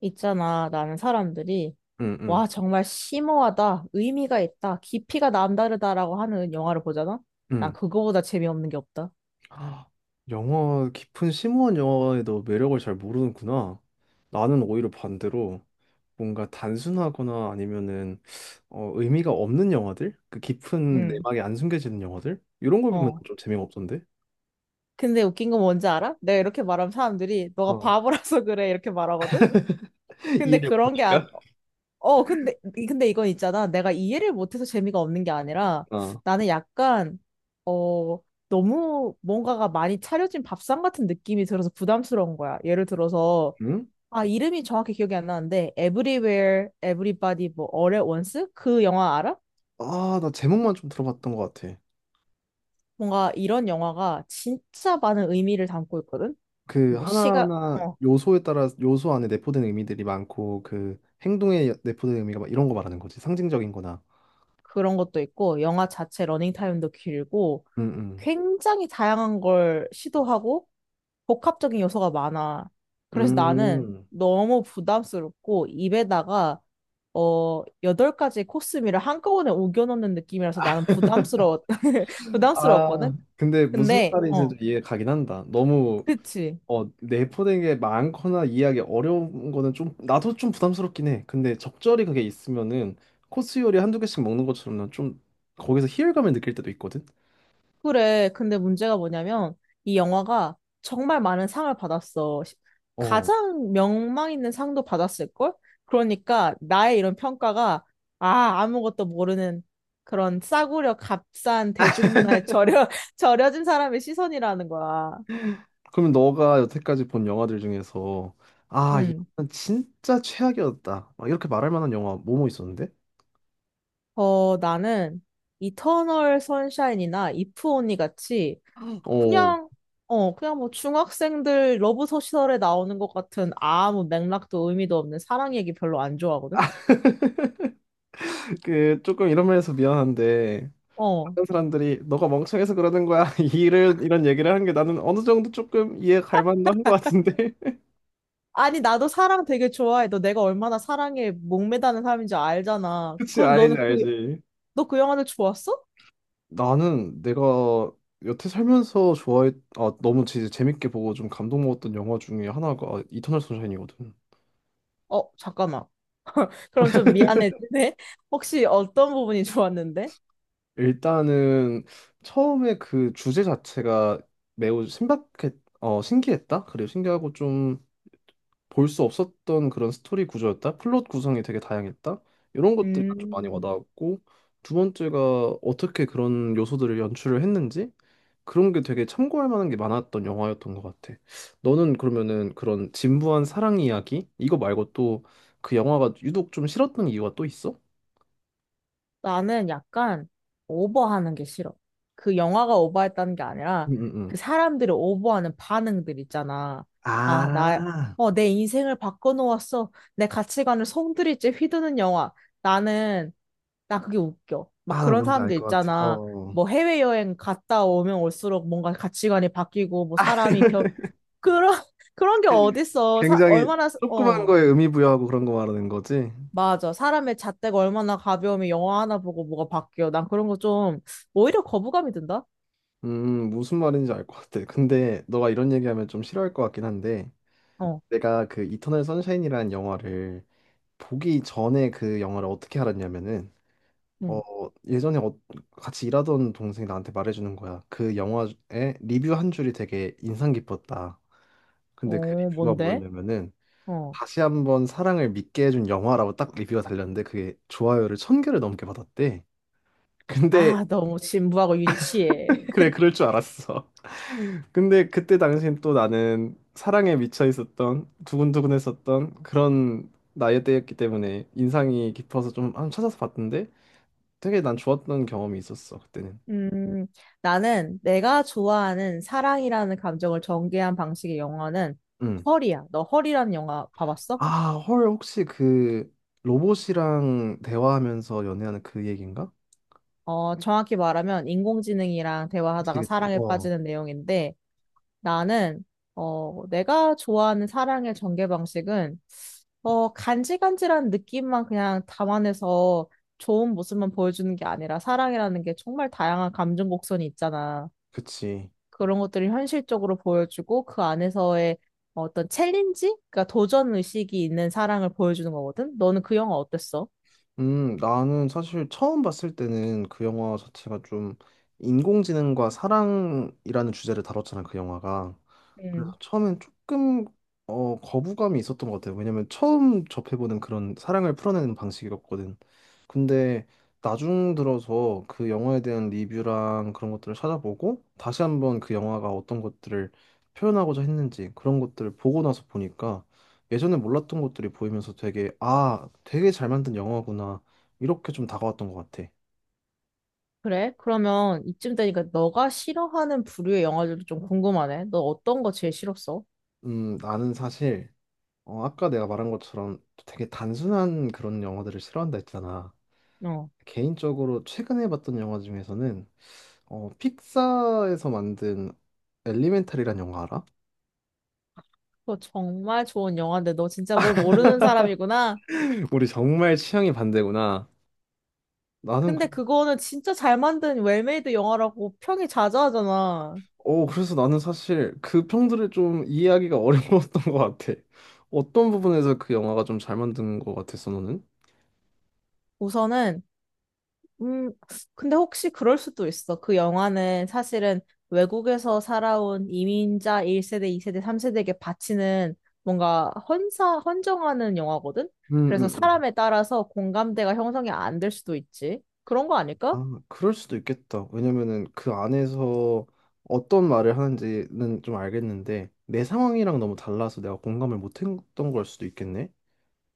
있잖아. 나는 사람들이, 응, 응, 와, 정말 심오하다, 의미가 있다, 깊이가 남다르다라고 하는 영화를 보잖아? 난 응. 그거보다 재미없는 게 없다. 아, 영어, 깊은 심오한 영어에도 매력을 잘 모르는구나. 나는 오히려 반대로 뭔가 단순하거나 아니면은 의미가 없는 영화들? 그 깊은 응, 내막에 안 숨겨지는 영화들? 이런 걸 보면 어. 좀 재미가 없던데? 근데 웃긴 건 뭔지 알아? 내가 이렇게 말하면 사람들이, 너가 어. 바보라서 그래, 이렇게 말하거든? 근데 이해를 그런 게, 아, 못하니까? 어, 근데, 근데 이건 있잖아. 내가 이해를 못해서 재미가 없는 게 아니라 어. 나는 약간, 어, 너무 뭔가가 많이 차려진 밥상 같은 느낌이 들어서 부담스러운 거야. 예를 들어서, 응? 아, 이름이 정확히 기억이 안 나는데, Everywhere, Everybody, 뭐, All at Once? 그 영화 알아? 아, 나 제목만 좀 들어봤던 것 같아. 뭔가 이런 영화가 진짜 많은 의미를 담고 있거든? 그 뭐, 시각, 하나하나 어, 요소에 따라 요소 안에 내포된 의미들이 많고 그 행동에 내포된 의미가 막 이런 거 말하는 거지. 상징적인 거나. 그런 것도 있고, 영화 자체 러닝타임도 길고, 응, 응. 굉장히 다양한 걸 시도하고, 복합적인 요소가 많아. 그래서 나는 음. 너무 부담스럽고 입에다가 여덟 가지 코스미를 한꺼번에 우겨 넣는 느낌이라서 나는 아, 부담스러웠거든? 근데 무슨 근데, 말인지 어, 좀 이해 가긴 한다. 너무 그치. 내포된 게 많거나 이해하기 어려운 거는 좀 나도 좀 부담스럽긴 해. 근데 적절히 그게 있으면은 코스 요리 한두 개씩 먹는 것처럼 좀 거기서 희열감을 느낄 때도 있거든. 그래. 근데 문제가 뭐냐면 이 영화가 정말 많은 상을 받았어. 어. 가장 명망 있는 상도 받았을걸? 그러니까 나의 이런 평가가 아무것도 모르는 그런 싸구려 값싼 대중문화에 절여진 사람의 시선이라는 거야. 그러면 너가 여태까지 본 영화들 중에서 아, 음. 이건 진짜 최악이었다. 막 이렇게 말할 만한 영화 뭐뭐 있었는데? 나는 이터널 선샤인이나 이프 언니 같이 어. 그냥, 그냥 뭐 중학생들 러브 소설에 나오는 것 같은 아무 맥락도 의미도 없는 사랑 얘기 별로 안 좋아하거든? 그 조금 이런 면에서 미안한데 어. 다른 사람들이 너가 멍청해서 그러는 거야 이런 얘기를 하는 게 나는 어느 정도 조금 이해 갈 만도 한 것 같은데 아니, 나도 사랑 되게 좋아해. 너 내가 얼마나 사랑에 목매다는 사람인지 알잖아. 그치, 그럼 알지, 너는 알지. 너 그 영화를 좋았어? 나는 내가 여태 살면서 좋아했 아 너무 진짜 재밌게 보고 좀 감동 먹었던 영화 중에 하나가 이터널 선샤인이거든. 잠깐만. 그럼 좀 미안해지네. 혹시 어떤 부분이 좋았는데? 일단은 처음에 그 주제 자체가 매우 신박했 어 신기했다 그리고 신기하고 좀 볼 수 없었던 그런 스토리 구조였다. 플롯 구성이 되게 다양했다. 이런 것들이 좀 많이 음. 와닿았고, 두 번째가 어떻게 그런 요소들을 연출을 했는지, 그런 게 되게 참고할 만한 게 많았던 영화였던 것 같아. 너는 그러면은 그런 진부한 사랑 이야기 이거 말고 또 그 영화가 유독 좀 싫었던 이유가 또 있어? 나는 약간 오버하는 게 싫어. 그 영화가 오버했다는 게 아니라 응응응. 그 사람들이 오버하는 반응들 있잖아. 아, 아, 내 인생을 바꿔놓았어. 내 가치관을 송두리째 휘두는 영화. 나는, 나 그게 웃겨. 막 아, 나 그런 뭔지 알 사람들 것 같아. 있잖아. 어. 뭐 해외여행 갔다 오면 올수록 뭔가 가치관이 바뀌고, 뭐 그런, 그런 게 어딨어. 굉장히 얼마나, 조그만 어. 거에 의미 부여하고 그런 거 말하는 거지? 맞아. 사람의 잣대가 얼마나 가벼우면 영화 하나 보고 뭐가 바뀌어. 난 그런 거 좀, 오히려 거부감이 든다? 무슨 말인지 알 것 같아. 근데 너가 이런 얘기하면 좀 싫어할 것 같긴 한데, 어, 내가 그 이터널 선샤인이라는 영화를 보기 전에 그 영화를 어떻게 알았냐면은, 어, 응. 예전에 같이 일하던 동생이 나한테 말해주는 거야. 그 영화에 리뷰 한 줄이 되게 인상 깊었다. 근데 그 어, 리뷰가 뭔데? 뭐였냐면은, 어. 다시 한번 사랑을 믿게 해준 영화라고 딱 리뷰가 달렸는데, 그게 좋아요를 천 개를 넘게 받았대. 근데 아, 너무 진부하고 유치해. 그래, 그럴 줄 알았어. 근데 그때 당시엔 또 나는 사랑에 미쳐 있었던, 두근두근했었던 그런 나이대였기 때문에 인상이 깊어서 좀 한번 찾아서 봤는데 되게 난 좋았던 경험이 있었어, 그때는. 음, 나는 내가 좋아하는 사랑이라는 감정을 전개한 방식의 영화는 응. 헐이야. 너 헐이라는 영화 봐봤어? 아, 헐, 혹시 그 로봇이랑 대화하면서 연애하는 그 얘기인가? 어, 정확히 말하면 인공지능이랑 그치, 대화하다가 그치. 사랑에 어, 빠지는 내용인데 나는, 내가 좋아하는 사랑의 전개 방식은 간질간질한 느낌만 그냥 담아내서 좋은 모습만 보여주는 게 아니라 사랑이라는 게 정말 다양한 감정 곡선이 있잖아. 그치. 그런 것들을 현실적으로 보여주고 그 안에서의 어떤 챌린지? 그러니까 도전 의식이 있는 사랑을 보여주는 거거든. 너는 그 영화 어땠어? 나는 사실 처음 봤을 때는 그 영화 자체가 좀 인공지능과 사랑이라는 주제를 다뤘잖아, 그 영화가. 그래서 음, 처음엔 조금 거부감이 있었던 것 같아요. 왜냐면 처음 접해보는 그런 사랑을 풀어내는 방식이었거든. 근데 나중 들어서 그 영화에 대한 리뷰랑 그런 것들을 찾아보고 다시 한번 그 영화가 어떤 것들을 표현하고자 했는지 그런 것들을 보고 나서 보니까 예전에 몰랐던 것들이 보이면서 되게 아, 되게 잘 만든 영화구나. 이렇게 좀 다가왔던 것 같아. 그래? 그러면 이쯤 되니까 너가 싫어하는 부류의 영화들도 좀 궁금하네. 너 어떤 거 제일 싫었어? 나는 사실 아까 내가 말한 것처럼 되게 단순한 그런 영화들을 싫어한다 했잖아. 어, 개인적으로 최근에 봤던 영화 중에서는 픽사에서 만든 엘리멘탈이란 영화 알아? 그거 정말 좋은 영화인데 너 진짜 뭘 모르는 사람이구나. 우리 정말 취향이 반대구나. 나는 그- 근데 그거는 진짜 잘 만든 웰메이드 영화라고 평이 자자하잖아. 어, 그래서 나는 사실 그 평들을 좀 이해하기가 어려웠던 것 같아. 어떤 부분에서 그 영화가 좀 잘 만든 것 같았어, 너는? 우선은, 음, 근데 혹시 그럴 수도 있어. 그 영화는 사실은 외국에서 살아온 이민자 1세대, 2세대, 3세대에게 바치는 뭔가 헌사, 헌정하는 영화거든? 그래서 응응응. 사람에 따라서 공감대가 형성이 안 될 수도 있지. 그런 거 아닐까? 아, 그럴 수도 있겠다. 왜냐면은 그 안에서 어떤 말을 하는지는 좀 알겠는데 내 상황이랑 너무 달라서 내가 공감을 못했던 걸 수도 있겠네.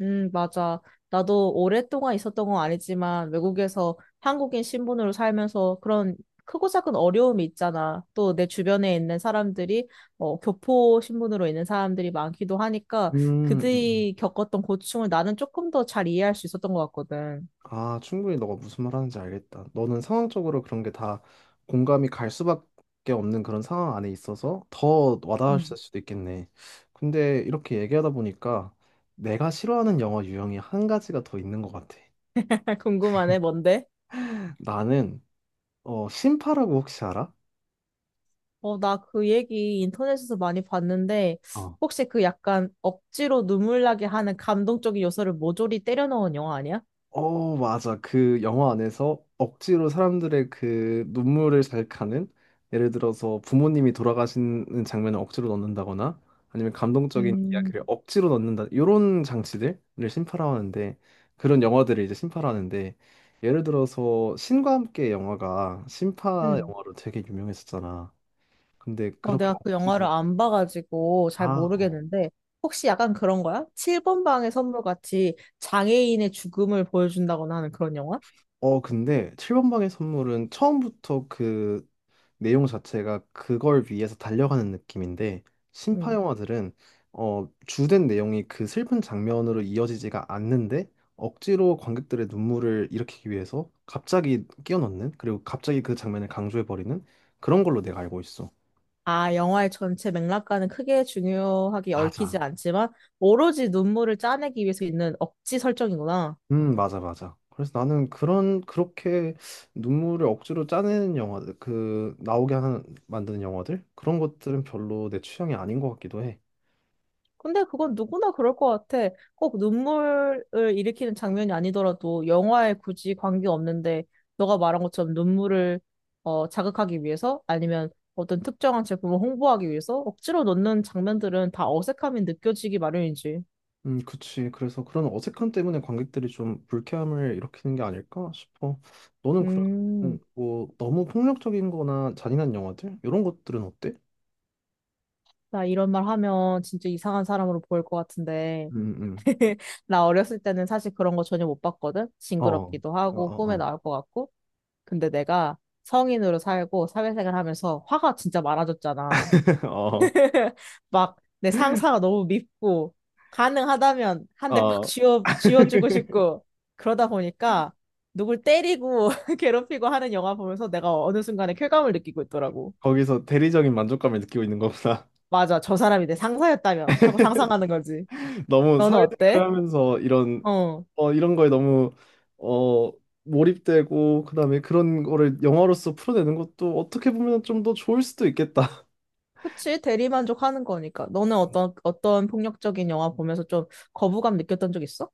맞아. 나도 오랫동안 있었던 건 아니지만 외국에서 한국인 신분으로 살면서 그런 크고 작은 어려움이 있잖아. 또 내 주변에 있는 사람들이 교포 신분으로 있는 사람들이 많기도 하니까 음. 음. 그들이 겪었던 고충을 나는 조금 더 잘 이해할 수 있었던 것 같거든. 아, 충분히 너가 무슨 말 하는지 알겠다. 너는 상황적으로 그런 게 다 공감이 갈 수밖에 없는 그런 상황 안에 있어서 더 와닿을 음. 수도 있겠네. 근데 이렇게 얘기하다 보니까 내가 싫어하는 영화 유형이 한 가지가 더 있는 것 같아. 궁금하네, 뭔데? 나는 신파라고 혹시 알아? 어, 나 그 얘기 인터넷에서 많이 봤는데 혹시 그 약간 억지로 눈물 나게 하는 감동적인 요소를 모조리 때려 넣은 영화 아니야? 어, 맞아. 그 영화 안에서 억지로 사람들의 그 눈물을 잘하는, 예를 들어서 부모님이 돌아가시는 장면을 억지로 넣는다거나 아니면 감동적인 음, 이야기를 억지로 넣는다. 이런 장치들을 심파라하는데, 그런 영화들을 이제 심파라는데, 예를 들어서 신과 함께 영화가 심파 음. 영화로 되게 유명했었잖아. 근데 어, 그렇게 내가 그 영화를 억지로 안 봐가지고 잘 아, 모르겠는데, 혹시 약간 그런 거야? 7번 방의 선물 같이 장애인의 죽음을 보여준다거나 하는 그런 영화? 근데 7번 방의 선물은 처음부터 그 내용 자체가 그걸 위해서 달려가는 느낌인데 신파 응. 영화들은 주된 내용이 그 슬픈 장면으로 이어지지가 않는데 억지로 관객들의 눈물을 일으키기 위해서 갑자기 끼워넣는, 그리고 갑자기 그 장면을 강조해버리는 그런 걸로 내가 알고 있어. 아, 영화의 전체 맥락과는 크게 중요하게 얽히지 맞아. 않지만, 오로지 눈물을 짜내기 위해서 있는 억지 설정이구나. 맞아, 맞아. 그래서 나는 그런 그렇게 눈물을 억지로 짜내는 영화들, 그 나오게 하는 만드는 영화들 그런 것들은 별로 내 취향이 아닌 것 같기도 해. 근데 그건 누구나 그럴 것 같아. 꼭 눈물을 일으키는 장면이 아니더라도 영화에 굳이 관계없는데 너가 말한 것처럼 눈물을 자극하기 위해서 아니면 어떤 특정한 제품을 홍보하기 위해서 억지로 넣는 장면들은 다 어색함이 느껴지기 마련이지. 그치. 그래서 그런 어색함 때문에 관객들이 좀 불쾌함을 일으키는 게 아닐까 싶어. 너는 음, 그러면 뭐 너무 폭력적인 거나 잔인한 영화들? 이런 것들은 어때? 나 이런 말 하면 진짜 이상한 사람으로 보일 것 같은데. 음, 음. 나 어렸을 때는 사실 그런 거 전혀 못 봤거든. 어. 징그럽기도 어, 어, 하고 꿈에 어. 나올 것 같고. 근데 내가 성인으로 살고 사회생활 하면서 화가 진짜 많아졌잖아. 막 내 상사가 너무 밉고 가능하다면 한 어, 대 콱 어. 쥐어 쥐어주고 싶고 그러다 보니까 누굴 때리고 괴롭히고 하는 영화 보면서 내가 어느 순간에 쾌감을 느끼고 있더라고. 거기서 대리적인 만족감을 느끼고 있는 거구나. 맞아, 저 사람이 내 상사였다면 하고 상상하는 거지. 너무 너는 사회생활을 어때? 하면서 이런 어. 이런 거에 너무 어 몰입되고 그다음에 그런 거를 영화로서 풀어내는 것도 어떻게 보면 좀 더 좋을 수도 있겠다. 그치, 대리만족하는 거니까. 너는 어떤 폭력적인 영화 보면서 좀 거부감 느꼈던 적 있어?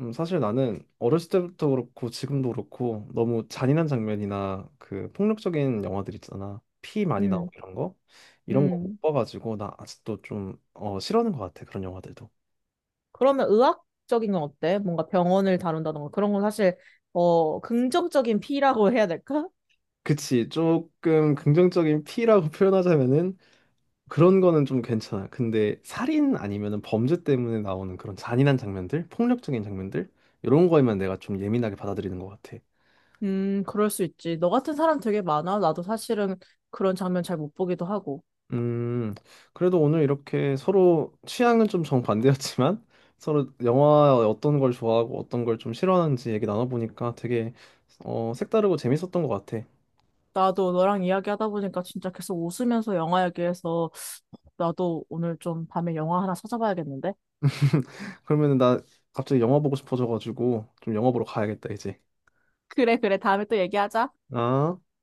사실 나는 어렸을 때부터 그렇고 지금도 그렇고 너무 잔인한 장면이나 그 폭력적인 영화들 있잖아. 피 많이 나오고 응, 이런 거 이런 거 응. 못 봐가지고 나 아직도 좀 싫어하는 것 같아 그런 영화들도. 그러면 의학적인 건 어때? 뭔가 병원을 다룬다던가 그런 건 사실 긍정적인 P라고 해야 될까? 그치, 조금 긍정적인 피라고 표현하자면은 그런 거는 좀 괜찮아. 근데 살인 아니면은 범죄 때문에 나오는 그런 잔인한 장면들, 폭력적인 장면들 이런 거에만 내가 좀 예민하게 받아들이는 것 같아. 그럴 수 있지. 너 같은 사람 되게 많아. 나도 사실은 그런 장면 잘 못 보기도 하고. 음, 그래도 오늘 이렇게 서로 취향은 좀 정반대였지만 서로 영화 어떤 걸 좋아하고 어떤 걸 좀 싫어하는지 얘기 나눠보니까 되게 색다르고 재밌었던 것 같아. 나도 너랑 이야기하다 보니까 진짜 계속 웃으면서 영화 얘기해서 나도 오늘 좀 밤에 영화 하나 찾아봐야겠는데? 그러면 나 갑자기 영화 보고 싶어져가지고 좀 영화 보러 가야겠다, 이제. 그래, 그래. 다음에 또 얘기하자. 아.